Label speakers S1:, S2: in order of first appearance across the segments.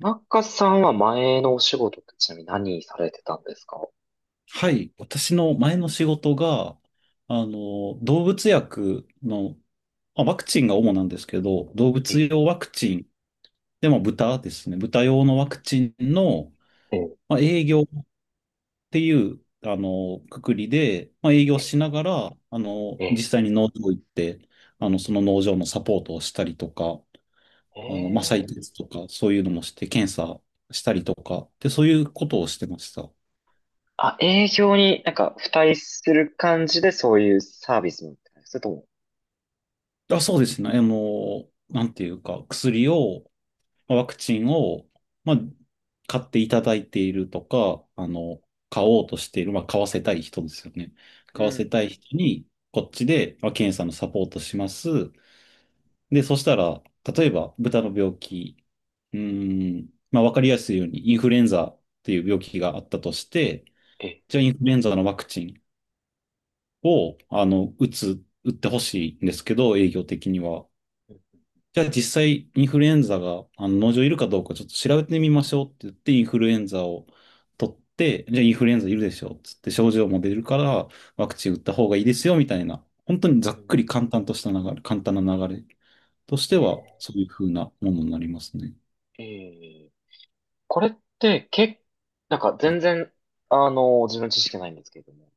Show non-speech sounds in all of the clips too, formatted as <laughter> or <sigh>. S1: 田中さんは前のお仕事ってちなみに何されてたんですか？
S2: はい。私の前の仕事が、動物薬の、ワクチンが主なんですけど、動
S1: え、
S2: 物用ワクチン、でも豚ですね。豚用のワクチンの、
S1: え、え
S2: 営業っていう、くくりで、営業
S1: え、
S2: しながら、
S1: え
S2: 実
S1: え、
S2: 際に農場行って、その農場のサポートをしたりとか、
S1: ええ。
S2: 採血とか、そういうのもして、検査したりとか、で、そういうことをしてました。
S1: あ、営業になんか付帯する感じでそういうサービスみたいな。それとも、
S2: あ、そうですね。なんていうか、薬を、ワクチンを、まあ、買っていただいているとか、買おうとしている、買わせたい人ですよね。
S1: う
S2: 買わせ
S1: ん。
S2: たい人に、こっちで、検査のサポートします。で、そしたら、例えば、豚の病気、わかりやすいように、インフルエンザっていう病気があったとして、
S1: ええ、
S2: じゃあ、インフルエンザのワクチンを、打ってほしいんですけど、営業的には。じゃあ実際インフルエンザがあの農場いるかどうかちょっと調べてみましょうって言ってインフルエンザを取って、じゃあインフルエンザいるでしょっつって症状も出るからワクチン打った方がいいですよみたいな、本当にざ
S1: う
S2: っ
S1: ん、
S2: くり簡単とした流れ、簡単な流れとして
S1: え
S2: は
S1: え、
S2: そういう風なものになりますね。
S1: ええ、これって、け、なんか全然、自分の知識ないんですけれども、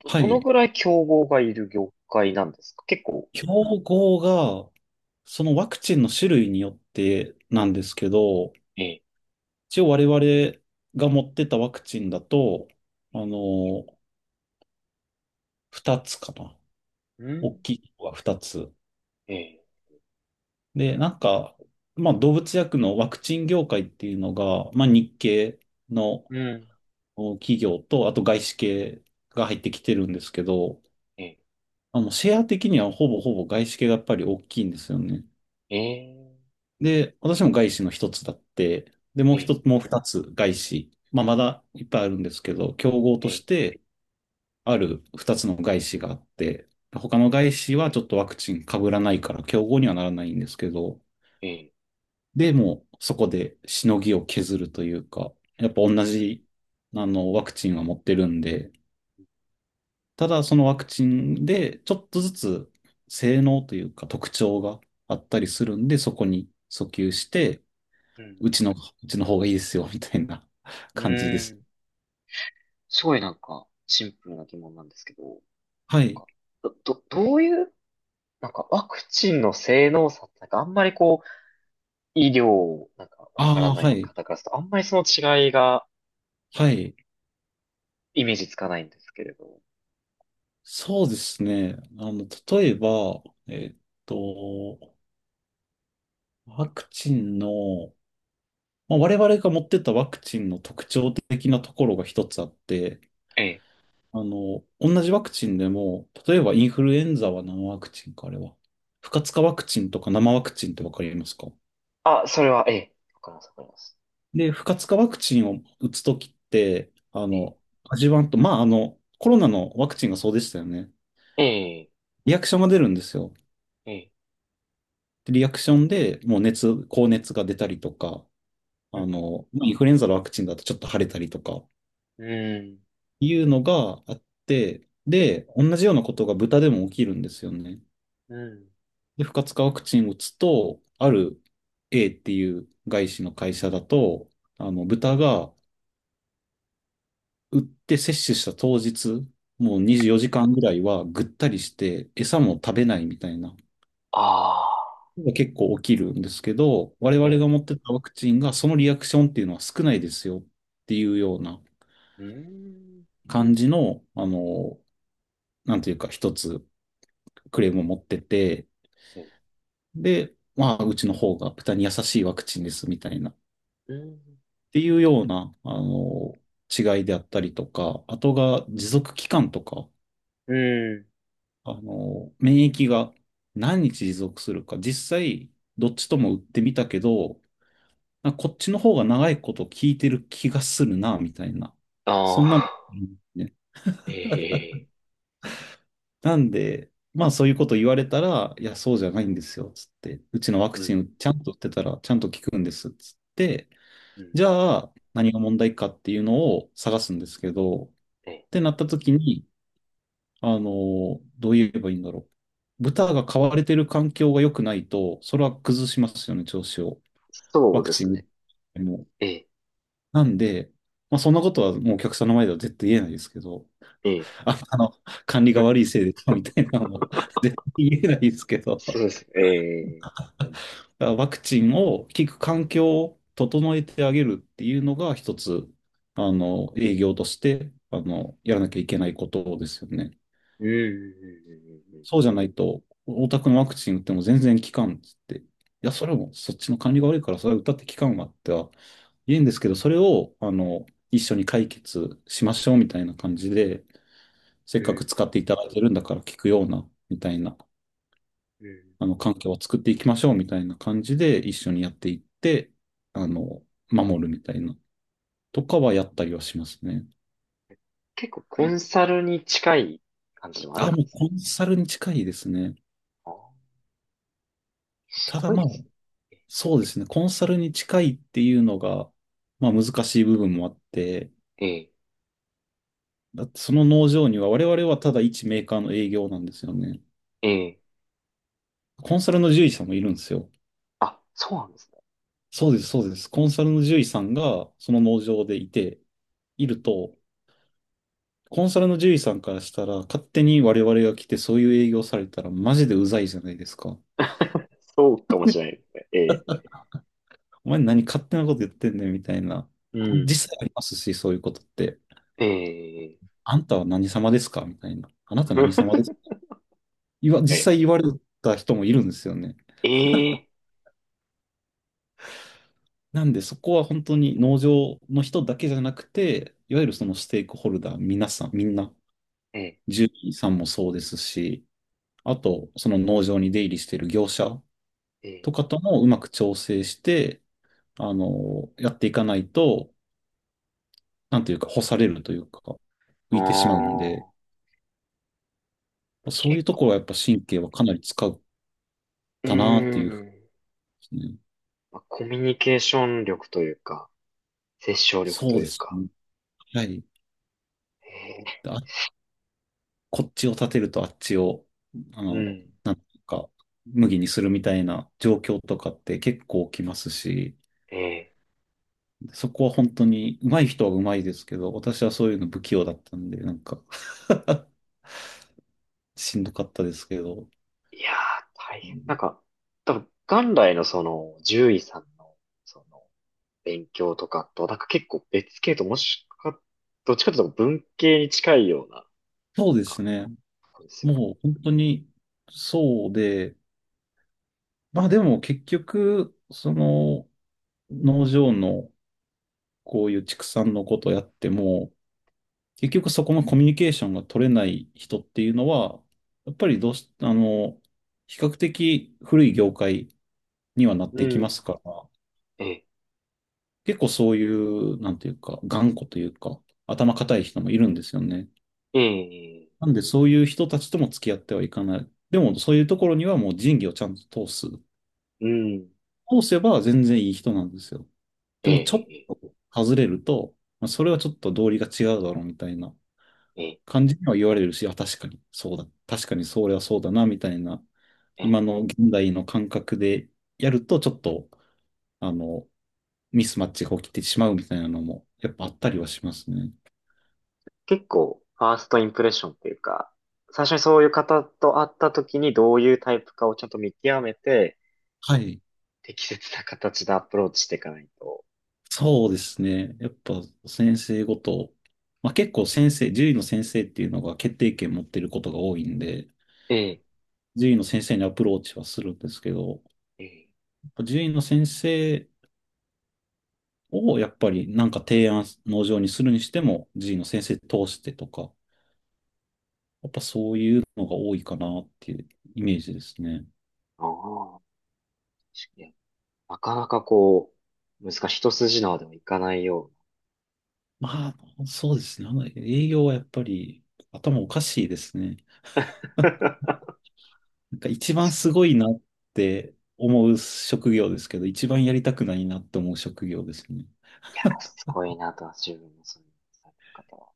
S1: ど、
S2: は
S1: どの
S2: い。
S1: ぐらい競合がいる業界なんですか、結構。
S2: 標語がそのワクチンの種類によってなんですけど、
S1: ええ、
S2: 一応我々が持ってたワクチンだと、あの、2つかな。
S1: う
S2: 大
S1: ん。
S2: きいのが2つ。
S1: ええ、
S2: で、なんか、動物薬のワクチン業界っていうのが、日系の
S1: うん。
S2: お企業と、あと外資系が入ってきてるんですけど、
S1: ええ、
S2: シェア的にはほぼほぼ外資系がやっぱり大きいんですよね。
S1: ええ、
S2: で、私も外資の一つだって、で、も
S1: え
S2: う一
S1: え、
S2: つ、もう二つ外資。まだいっぱいあるんですけど、競合
S1: え
S2: とし
S1: え、
S2: てある二つの外資があって、他の
S1: え
S2: 外資はちょっとワクチン被らないから競合にはならないんですけど、
S1: え。
S2: で、もうそこでしのぎを削るというか、やっぱ同
S1: うん、
S2: じ、ワクチンは持ってるんで、ただそのワクチンでちょっとずつ性能というか特徴があったりするんで、そこに訴求して、
S1: うん、
S2: うちの、うちの方がいいですよ、みたいな <laughs>
S1: うん。
S2: 感じで
S1: う
S2: す。
S1: ん。すごい、なんか、シンプルな疑問なんですけど、な
S2: は
S1: ん
S2: い。
S1: か、ど、ど、どういう、なんかワクチンの性能差ってなんかあんまりこう、医療、なんかわから
S2: ああ、
S1: な
S2: は
S1: い
S2: い。
S1: 方からすると、あんまりその違いが
S2: はい。
S1: イメージつかないんですけれど。
S2: そうですね。例えば、と、ワクチンの我々が持ってたワクチンの特徴的なところが一つあって、
S1: ええ。
S2: 同じワクチンでも、例えばインフルエンザは何ワクチンか、あれは。不活化ワクチンとか生ワクチンってわかりますか？
S1: あ、それは、ええ。わかります、わかります。
S2: で、不活化ワクチンを打つときって、
S1: ええ。
S2: 味わんと、コロナのワクチンがそうでしたよね。
S1: ええ、
S2: リアクションが出るんですよ。
S1: ええ。
S2: でリアクションでもう熱、高熱が出たりとか、
S1: うん、
S2: まあインフルエンザのワクチンだとちょっと腫れたりとか、
S1: うん、
S2: いうのがあって、で、同じようなことが豚でも起きるんですよね。
S1: うん。
S2: で、不活化ワクチンを打つと、ある A っていう外資の会社だと、豚が打って接種した当日、もう
S1: え
S2: 24
S1: え。
S2: 時間ぐらいはぐったりして、餌も食べないみたいな、
S1: ああ、
S2: 結構起きるんですけど、我
S1: え
S2: 々が
S1: え。
S2: 持ってたワクチンがそのリアクションっていうのは少ないですよっていうような
S1: うーん。
S2: 感じの、なんていうか一つクレームを持ってて、
S1: ええ。
S2: で、うちの方が豚に優しいワクチンですみたいな、っ
S1: うーん。
S2: ていうような、違いであったりとか、あとが持続期間とか、
S1: うん。
S2: 免疫が何日持続するか、実際、どっちとも打ってみたけど、なんかこっちの方が長いこと聞いてる気がするな、みたいな。そ
S1: あ
S2: んなの、
S1: あ。
S2: うんね。
S1: ええ、
S2: なんで、まあそういうこと言われたら、いや、そうじゃないんですよ、つって。うちのワク
S1: う
S2: チ
S1: ん、
S2: ンちゃんと打ってたら、ちゃんと効くんです、つって。
S1: うん、
S2: じゃあ、何が問題かっていうのを探すんですけど、っ
S1: ええ、
S2: てなった時に、どう言えばいいんだろう。豚が飼われてる環境が良くないと、それは崩しますよね、調子を。
S1: そ
S2: ワ
S1: う
S2: ク
S1: で
S2: チ
S1: す
S2: ン打っ
S1: ね。
S2: ても。
S1: ええ、
S2: なんで、そんなことはもうお客さんの前では絶対言えないですけど、
S1: ええ、
S2: あ、管理が悪
S1: <laughs>
S2: いせいで、みたいなのは絶対言えないですけど。
S1: そうです。ええ、
S2: ワクチンを効く環境を整えてあげるっていうのが一つ、営業として、やらなきゃいけないことですよね。
S1: うん、うん、
S2: そうじゃないと、お宅のワクチン打っても全然効かんっつって。いや、それもそっちの管理が悪いから、それは打ったって効かんわっては言うんですけど、それを、一緒に解決しましょうみたいな感じで、せ
S1: う
S2: っ
S1: ん、
S2: か
S1: う
S2: く
S1: ん、
S2: 使っていただいてるんだから効くような、みたいな
S1: うん、うん。
S2: 環境を作っていきましょうみたいな感じで一緒にやっていって、あの、守るみたいな、とかはやったりはしますね。
S1: 結構コンサルに近い感じでもある
S2: あ、
S1: ん
S2: も
S1: で
S2: う
S1: すね。
S2: コンサルに近いですね。
S1: あー、す
S2: ただ
S1: ごい
S2: まあ、
S1: ですね。
S2: そうですね。コンサルに近いっていうのが、まあ難しい部分もあって、
S1: ええ、
S2: だってその農場には我々はただ一メーカーの営業なんですよね。
S1: ええ、
S2: コンサルの獣医さんもいるんですよ。
S1: あ、そうなんですね。
S2: そうです、そうです。コンサルの獣医さんがその農場でいて、
S1: え
S2: い
S1: え、
S2: ると、コンサルの獣医さんからしたら、勝手に我々が来てそういう営業されたらマジでうざいじゃないですか。
S1: そうかもしれないですね。ええ、
S2: お前何勝手なこと言ってんねんみたいな。
S1: うん、
S2: 実際ありますし、そういうことって。
S1: ええ、
S2: あんたは何様ですかみたいな。あなた何様
S1: <laughs>
S2: ですか言わ、実
S1: ええ、
S2: 際言われた人もいるんですよね。
S1: ええ、
S2: なんでそこは本当に農場の人だけじゃなくて、いわゆるそのステークホルダー、皆さん、みんな、
S1: ええ、
S2: 獣医さんもそうですし、あと、その農場に出入りしている業者
S1: ええ、
S2: とかともうまく調整して、やっていかないと、なんていうか、干されるというか、
S1: あ
S2: 浮いてしまうんで、
S1: あ、
S2: そういう
S1: 結
S2: と
S1: 構、
S2: ころはやっぱ神経はかなり使っ
S1: うー
S2: たなっていうふうで
S1: ん、
S2: すね。
S1: まあコミュニケーション力というか、殺傷力と
S2: そう
S1: い
S2: で
S1: う
S2: す
S1: か。
S2: ね。はい。
S1: え
S2: あ、こっちを立てるとあっちを、あ
S1: ー、う
S2: の、
S1: ん。
S2: なんていうか、麦にするみたいな状況とかって結構起きますし、
S1: ええ、
S2: そこは本当に上手い人は上手いですけど、私はそういうの不器用だったんで、なんか <laughs> しんどかったですけど、
S1: いやー、大変。なんか、多分、元来のその、獣医さんの、その、勉強とかと、なんか結構別系ともしか、どっちかというと文系に近いような、
S2: そう
S1: なん
S2: です
S1: か、
S2: ね。
S1: そうですよ
S2: もう本当にそうで、まあでも結局、その農場のこういう畜産のことやっても、結局そこのコミュニケーションが取れない人っていうのは、やっぱりどうし、比較的古い業界にはなっ
S1: ね。
S2: て
S1: う
S2: きます
S1: ん。
S2: から、
S1: ええ、
S2: 結構そういう、なんていうか、頑固というか、頭固い人もいるんですよね。
S1: ええ、
S2: なんでそういう人たちとも付き合ってはいかない。でもそういうところにはもう仁義をちゃんと通す。
S1: うん。
S2: 通せば全然いい人なんですよ。で
S1: え
S2: もちょっ
S1: え、
S2: と外れると、まあ、それはちょっと道理が違うだろうみたいな
S1: ええ、
S2: 感じには言われるし、あ、確かにそうだ。確かにそれはそうだな、みたいな、
S1: え
S2: 今
S1: え。
S2: の現代の感覚でやると、ちょっと、あの、ミスマッチが起きてしまうみたいなのも、やっぱあったりはしますね。
S1: 結構、ファーストインプレッションっていうか、最初にそういう方と会った時にどういうタイプかをちゃんと見極めて、
S2: はい。
S1: 適切な形でアプローチしていかないと。
S2: そうですね。やっぱ先生ごと、まあ、結構先生、獣医の先生っていうのが決定権持ってることが多いんで、
S1: ええ、
S2: 獣医の先生にアプローチはするんですけど、
S1: ええ。
S2: 獣医の先生をやっぱりなんか提案、農場にするにしても、獣医の先生通してとか、やっぱそういうのが多いかなっていうイメージですね。
S1: ああ、確かに。なかなかこう、難しい。一筋縄ではいかないよう
S2: まあ、そうですね。あの営業はやっぱり頭おかしいですね。
S1: な。<laughs>
S2: なんか一番すごいなって思う職業ですけど、一番やりたくないなって思う職業ですね。
S1: いや、すごいなとは自分もそういうされてる方は。